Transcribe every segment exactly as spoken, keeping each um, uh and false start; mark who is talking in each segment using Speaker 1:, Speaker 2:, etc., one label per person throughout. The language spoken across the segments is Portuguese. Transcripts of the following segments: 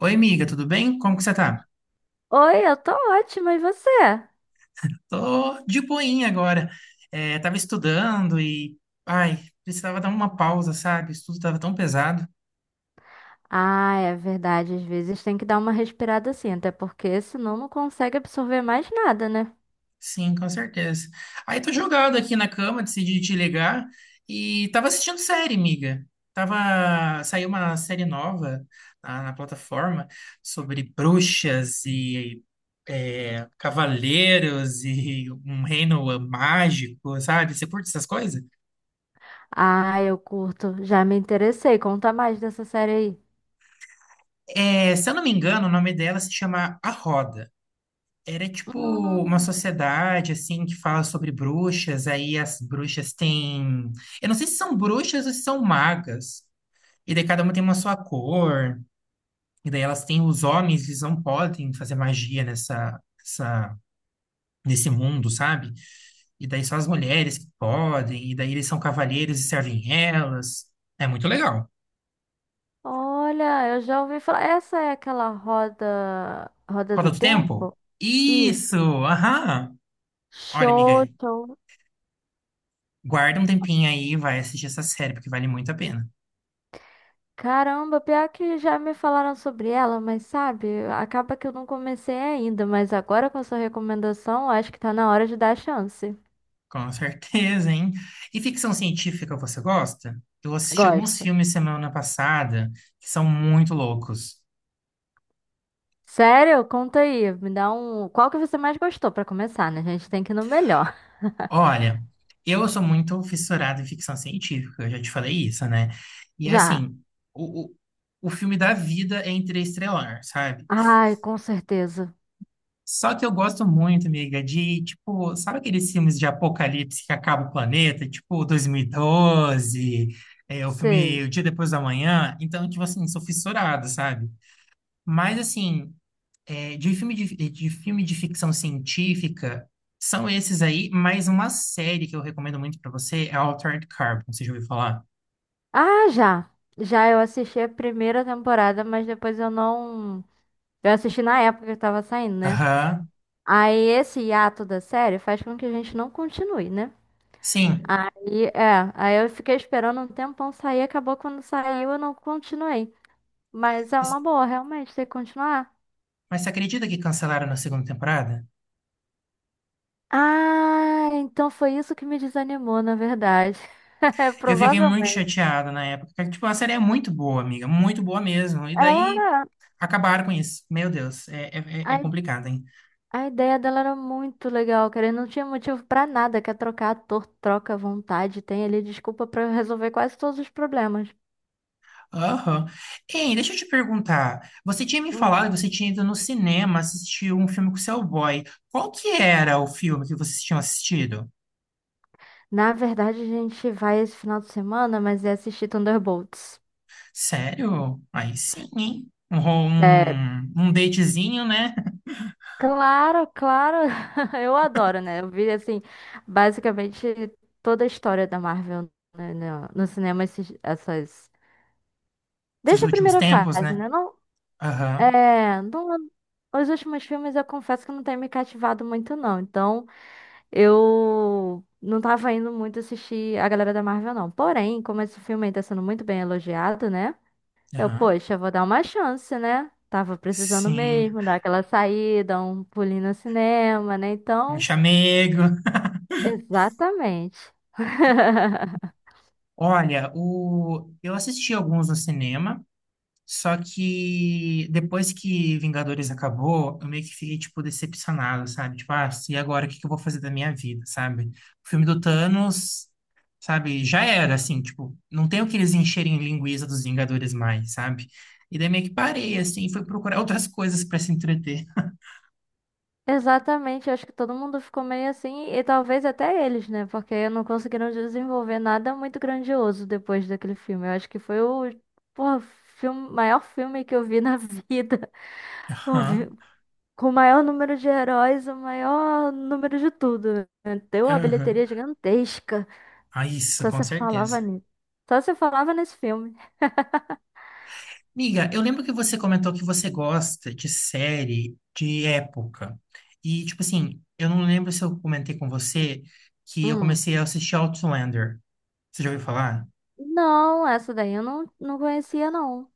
Speaker 1: Oi, amiga, tudo bem? Como que você tá?
Speaker 2: Oi, eu tô ótima, e você?
Speaker 1: Tô de boinha agora. É, tava estudando e, ai, precisava dar uma pausa, sabe? O estudo tava tão pesado.
Speaker 2: Ah, é verdade, às vezes tem que dar uma respirada assim, até porque senão não consegue absorver mais nada, né?
Speaker 1: Sim, com certeza. Aí tô jogado aqui na cama, decidi te ligar e tava assistindo série, amiga. Tava, saiu uma série nova na, na plataforma sobre bruxas e é, cavaleiros e um reino mágico, sabe? Você curte essas coisas?
Speaker 2: Ah, eu curto, já me interessei, conta mais dessa série aí.
Speaker 1: É, se eu não me engano, o nome dela se chama A Roda. Era tipo uma
Speaker 2: Hum,
Speaker 1: sociedade assim que fala sobre bruxas, aí as bruxas têm, eu não sei se são bruxas ou se são magas. E daí cada uma tem uma sua cor, e daí elas têm os homens, eles não podem fazer magia nessa, essa- nesse mundo, sabe? E daí só as mulheres que podem, e daí eles são cavalheiros e servem elas. É muito legal.
Speaker 2: olha, eu já ouvi falar, essa é aquela roda, roda
Speaker 1: Roda
Speaker 2: do
Speaker 1: do Tempo?
Speaker 2: tempo? Isso,
Speaker 1: Isso, aham. Olha,
Speaker 2: show,
Speaker 1: amiga,
Speaker 2: show.
Speaker 1: guarda um tempinho aí e vai assistir essa série, porque vale muito a pena.
Speaker 2: Caramba, pior que já me falaram sobre ela, mas sabe, acaba que eu não comecei ainda, mas agora com a sua recomendação, acho que tá na hora de dar a chance.
Speaker 1: Com certeza, hein? E ficção científica você gosta? Eu assisti alguns
Speaker 2: Gosto.
Speaker 1: filmes semana passada que são muito loucos.
Speaker 2: Sério? Conta aí. Me dá um. Qual que você mais gostou pra começar, né? A gente tem que ir no melhor.
Speaker 1: Olha, eu sou muito fissurado em ficção científica, eu já te falei isso, né? E
Speaker 2: Já.
Speaker 1: assim, o, o, o filme da vida é interestelar, sabe?
Speaker 2: Ai, com certeza.
Speaker 1: Só que eu gosto muito, amiga, de, tipo, sabe aqueles filmes de apocalipse que acaba o planeta? Tipo, dois mil e doze, é, o filme
Speaker 2: Sei.
Speaker 1: O Dia Depois da Manhã. Então, tipo assim, sou fissurado, sabe? Mas, assim, é, de filme de, de filme de ficção científica, são esses aí, mas uma série que eu recomendo muito pra você é Altered Carbon, você já ouviu falar?
Speaker 2: Ah, já. Já eu assisti a primeira temporada, mas depois eu não. Eu assisti na época que tava saindo, né?
Speaker 1: Aham,
Speaker 2: Aí esse hiato da série faz com que a gente não continue, né?
Speaker 1: sim.
Speaker 2: Aí, é. Aí eu fiquei esperando um tempão sair, acabou quando saiu, eu não continuei. Mas é uma boa, realmente, ter que continuar.
Speaker 1: Mas você acredita que cancelaram na segunda temporada?
Speaker 2: Ah, então foi isso que me desanimou, na verdade.
Speaker 1: Eu fiquei muito
Speaker 2: Provavelmente.
Speaker 1: chateado na época, porque, tipo, a série é muito boa, amiga. Muito boa mesmo. E daí
Speaker 2: Era.
Speaker 1: acabaram com isso. Meu Deus, é, é, é- é
Speaker 2: A,
Speaker 1: complicado, hein?
Speaker 2: a ideia dela era muito legal, cara. E não tinha motivo pra nada. Quer trocar ator, troca à vontade. Tem ali desculpa pra resolver quase todos os problemas.
Speaker 1: Aham. Ei, deixa eu te perguntar. Você tinha me
Speaker 2: Hum.
Speaker 1: falado que você tinha ido no cinema assistir um filme com o seu boy. Qual que era o filme que vocês tinham assistido?
Speaker 2: Na verdade, a gente vai esse final de semana, mas é assistir Thunderbolts.
Speaker 1: Sério? Aí sim, hein? Um, ro-
Speaker 2: É,
Speaker 1: um, um datezinho, né?
Speaker 2: claro, claro. Eu adoro, né? Eu vi, assim, basicamente toda a história da Marvel, né, no, no cinema esses- essas.
Speaker 1: Esses
Speaker 2: Desde a
Speaker 1: últimos
Speaker 2: primeira
Speaker 1: tempos,
Speaker 2: fase,
Speaker 1: né?
Speaker 2: né? Não,
Speaker 1: Aham,
Speaker 2: é, não- os últimos filmes eu confesso que não tem me cativado muito, não. Então, eu não tava indo muito assistir a galera da Marvel, não. Porém, como esse filme aí tá sendo muito bem elogiado, né? Eu,
Speaker 1: aham.
Speaker 2: poxa, vou dar uma chance, né? Tava precisando
Speaker 1: Sim.
Speaker 2: mesmo dar aquela saída, um pulinho no cinema, né?
Speaker 1: Um
Speaker 2: Então,
Speaker 1: chamego.
Speaker 2: exatamente.
Speaker 1: Olha, o... eu assisti alguns no cinema, só que depois que Vingadores acabou, eu meio que fiquei, tipo, decepcionado, sabe? Tipo, ah, e agora o que que eu vou fazer da minha vida, sabe? O filme do Thanos, sabe? Já era, assim, tipo, não tem o que eles encherem linguiça dos Vingadores mais, sabe? E daí meio que parei, assim, e fui procurar outras coisas para se entreter.
Speaker 2: Exatamente, eu acho que todo mundo ficou meio assim, e talvez até eles, né? Porque não conseguiram desenvolver nada muito grandioso depois daquele filme. Eu acho que foi o, porra, filme, maior filme que eu vi na vida. O vi-
Speaker 1: Aham,
Speaker 2: Com o maior número de heróis, o maior número de tudo, né? Deu uma
Speaker 1: aham.
Speaker 2: bilheteria gigantesca.
Speaker 1: Ah, isso,
Speaker 2: Só
Speaker 1: com
Speaker 2: se falava
Speaker 1: certeza.
Speaker 2: nisso. Só se falava nesse filme.
Speaker 1: Miga, eu lembro que você comentou que você gosta de série de época. E, tipo assim, eu não lembro se eu comentei com você que eu
Speaker 2: Hum.
Speaker 1: comecei a assistir Outlander. Você já ouviu falar?
Speaker 2: Não, essa daí eu não, não conhecia, não.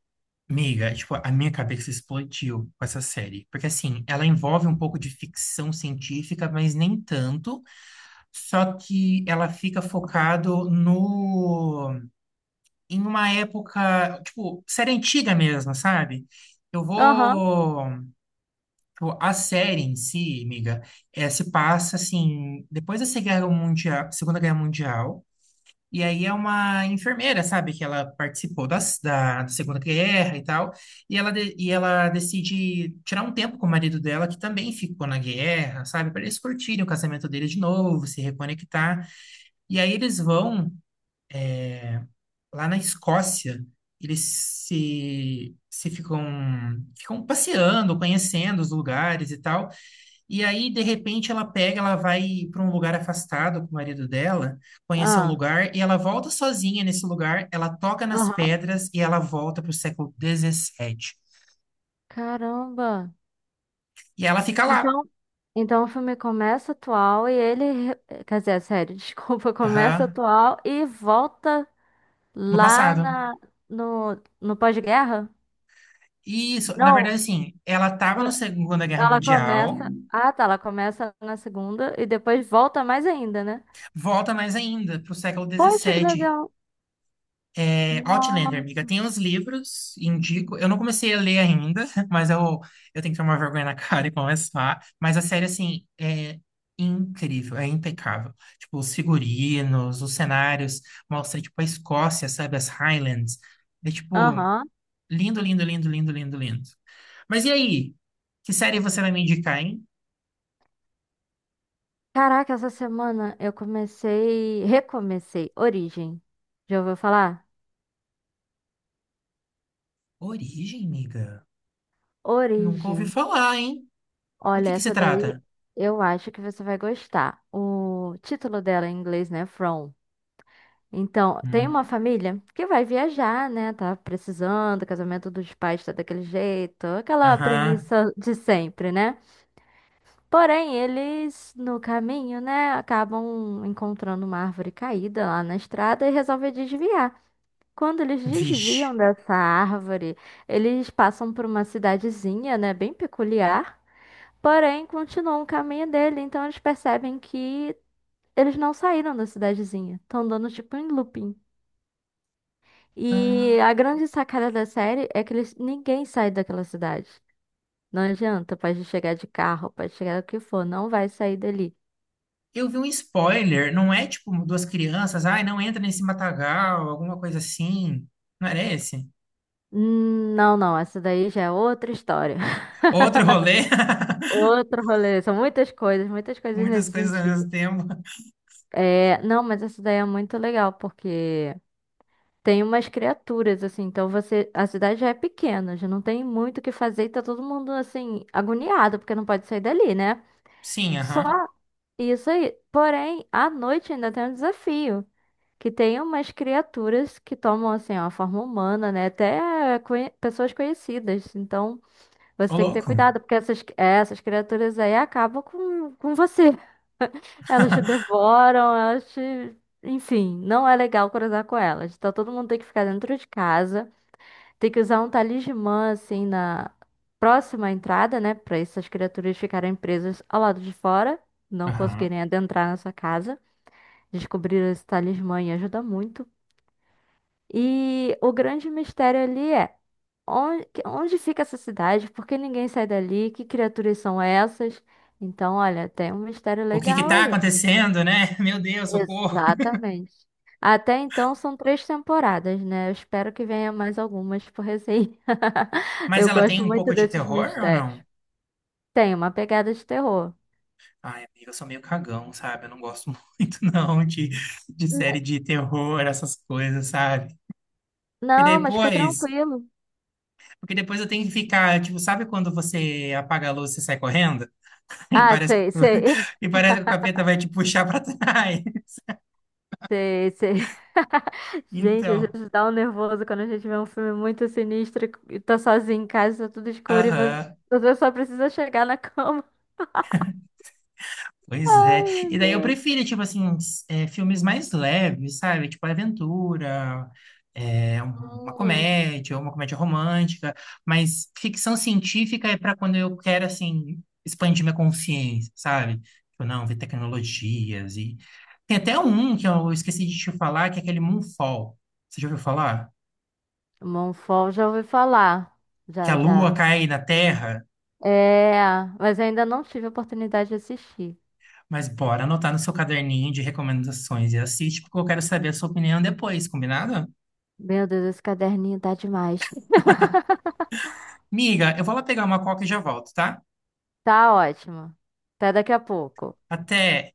Speaker 1: Miga, tipo, a minha cabeça explodiu com essa série. Porque, assim, ela envolve um pouco de ficção científica, mas nem tanto. Só que ela fica focado no... em uma época, tipo, série antiga mesmo, sabe? Eu
Speaker 2: Aham.
Speaker 1: vou. Tipo, a série em si, amiga, é, se passa assim, depois da Segunda Guerra Mundial, Segunda Guerra Mundial, e aí é uma enfermeira, sabe, que ela participou das, da, Segunda Guerra e tal, e ela, de- e ela decide tirar um tempo com o marido dela, que também ficou na guerra, sabe, para eles curtirem o casamento dele de novo, se reconectar, e aí eles vão lá na Escócia, eles se, se ficam, ficam passeando, conhecendo os lugares e tal. E aí, de repente, ela pega, ela vai para um lugar afastado com o marido dela, conhecer um
Speaker 2: Ah.
Speaker 1: lugar, e ela volta sozinha nesse lugar, ela toca nas
Speaker 2: Aham.
Speaker 1: pedras e ela volta para o século dezessete.
Speaker 2: Caramba.
Speaker 1: E ela fica lá,
Speaker 2: Então, então o filme começa atual e ele, re- quer dizer, a série, desculpa, começa
Speaker 1: aham,
Speaker 2: atual e volta
Speaker 1: no
Speaker 2: lá
Speaker 1: passado.
Speaker 2: na, no, no pós-guerra?
Speaker 1: E isso, na
Speaker 2: Não,
Speaker 1: verdade, assim, ela estava na
Speaker 2: eh,
Speaker 1: Segunda Guerra
Speaker 2: ela
Speaker 1: Mundial,
Speaker 2: começa. Ah, tá, ela começa na segunda e depois volta mais ainda, né?
Speaker 1: volta mais ainda para o século
Speaker 2: Poxa, que
Speaker 1: dezessete
Speaker 2: legal!
Speaker 1: É, Outlander, amiga,
Speaker 2: Nossa.
Speaker 1: tem os livros, indico. Eu não comecei a ler ainda, mas eu, eu tenho que tomar vergonha na cara e começar. Mas a série, assim, é incrível, é impecável. Tipo, os figurinos, os cenários, mostra, tipo, a Escócia, sabe, as Highlands. É, tipo,
Speaker 2: Aham.
Speaker 1: lindo, lindo, lindo, lindo, lindo, lindo. Mas e aí? Que série você vai me indicar, hein?
Speaker 2: Caraca, essa semana eu comecei, recomecei Origem. Já ouviu falar?
Speaker 1: Origem, amiga? Nunca ouvi
Speaker 2: Origem.
Speaker 1: falar, hein? Do
Speaker 2: Olha,
Speaker 1: que que se
Speaker 2: essa daí
Speaker 1: trata?
Speaker 2: eu acho que você vai gostar. O título dela em inglês, né? From. Então, tem uma
Speaker 1: Hum.
Speaker 2: família que vai viajar, né? Tá precisando, o casamento dos pais tá daquele jeito, aquela
Speaker 1: Aham.
Speaker 2: premissa de sempre, né? Porém, eles no caminho, né, acabam encontrando uma árvore caída lá na estrada e resolvem desviar. Quando eles
Speaker 1: Vixe.
Speaker 2: desviam dessa árvore, eles passam por uma cidadezinha, né, bem peculiar. Porém, continuam o caminho dele, então eles percebem que eles não saíram da cidadezinha. Estão dando tipo em looping. E
Speaker 1: Ah,
Speaker 2: a grande sacada da série é que eles, ninguém sai daquela cidade. Não adianta, pode chegar de carro, pode chegar o que for, não vai sair dali.
Speaker 1: eu vi um spoiler, não é tipo duas crianças, ai, não entra nesse matagal, alguma coisa assim. Não era esse?
Speaker 2: Hum, Não, não, essa daí já é outra história.
Speaker 1: Outro rolê?
Speaker 2: Outro rolê, são muitas coisas, muitas coisas
Speaker 1: Muitas
Speaker 2: nesse
Speaker 1: coisas ao
Speaker 2: sentido.
Speaker 1: mesmo tempo.
Speaker 2: É, não, mas essa daí é muito legal, porque tem umas criaturas, assim, então você. A cidade já é pequena, já não tem muito o que fazer e tá todo mundo, assim, agoniado, porque não pode sair dali, né?
Speaker 1: Sim,
Speaker 2: Só
Speaker 1: aham.
Speaker 2: isso aí. Porém, à noite ainda tem um desafio. Que tem umas criaturas que tomam, assim, ó, a forma humana, né? Até conhe- pessoas conhecidas. Então, você
Speaker 1: Ô,
Speaker 2: tem que ter
Speaker 1: louco.
Speaker 2: cuidado, porque essas, é, essas criaturas aí acabam com, com você. Elas te devoram, elas te. Enfim, não é legal cruzar com elas. Então, todo mundo tem que ficar dentro de casa. Tem que usar um talismã, assim, na próxima entrada, né? Pra essas criaturas ficarem presas ao lado de fora, não
Speaker 1: Aham.
Speaker 2: conseguirem adentrar na sua casa. Descobrir esse talismã e ajuda muito. E o grande mistério ali é onde, onde fica essa cidade? Por que ninguém sai dali? Que criaturas são essas? Então, olha, tem um mistério
Speaker 1: O que que
Speaker 2: legal
Speaker 1: tá
Speaker 2: aí.
Speaker 1: acontecendo, né? Meu Deus, socorro.
Speaker 2: Exatamente. Até então são três temporadas, né? Eu espero que venha mais algumas por aí.
Speaker 1: Mas
Speaker 2: Eu
Speaker 1: ela tem
Speaker 2: gosto
Speaker 1: um pouco
Speaker 2: muito
Speaker 1: de
Speaker 2: desses
Speaker 1: terror ou
Speaker 2: mistérios.
Speaker 1: não?
Speaker 2: Tem uma pegada de terror.
Speaker 1: Ai, amiga, eu sou meio cagão, sabe? Eu não gosto muito, não, de, de série de terror, essas coisas, sabe? Porque
Speaker 2: Não, mas fica
Speaker 1: depois,
Speaker 2: tranquilo.
Speaker 1: porque depois eu tenho que ficar, tipo, sabe quando você apaga a luz e sai correndo? E
Speaker 2: Ah,
Speaker 1: parece que,
Speaker 2: sei, sei,
Speaker 1: e parece que o capeta vai te puxar pra trás.
Speaker 2: sei, sei. Gente, às
Speaker 1: Então,
Speaker 2: vezes dá um nervoso quando a gente vê um filme muito sinistro e tá sozinho em casa, tá tudo escuro e vo-
Speaker 1: aham,
Speaker 2: você só precisa chegar na cama.
Speaker 1: pois é.
Speaker 2: Ai,
Speaker 1: E
Speaker 2: meu
Speaker 1: daí eu
Speaker 2: Deus.
Speaker 1: prefiro, tipo assim, s- é, filmes mais leves, sabe? Tipo aventura, é, um- uma
Speaker 2: Hum,
Speaker 1: comédia, uma comédia romântica. Mas ficção científica é pra quando eu quero, assim, expandir minha consciência, sabe? Tipo, não, ver tecnologias e... Tem até um que eu esqueci de te falar, que é aquele Moonfall. Você já ouviu falar?
Speaker 2: Monfort já ouvi falar.
Speaker 1: Que a
Speaker 2: Já,
Speaker 1: lua
Speaker 2: já.
Speaker 1: cai na Terra.
Speaker 2: É, mas ainda não tive a oportunidade de assistir.
Speaker 1: Mas bora anotar no seu caderninho de recomendações e assiste, porque eu quero saber a sua opinião depois, combinado?
Speaker 2: Meu Deus, esse caderninho tá demais.
Speaker 1: Miga, eu vou lá pegar uma coca e já volto, tá?
Speaker 2: Tá ótimo. Até daqui a pouco.
Speaker 1: Até!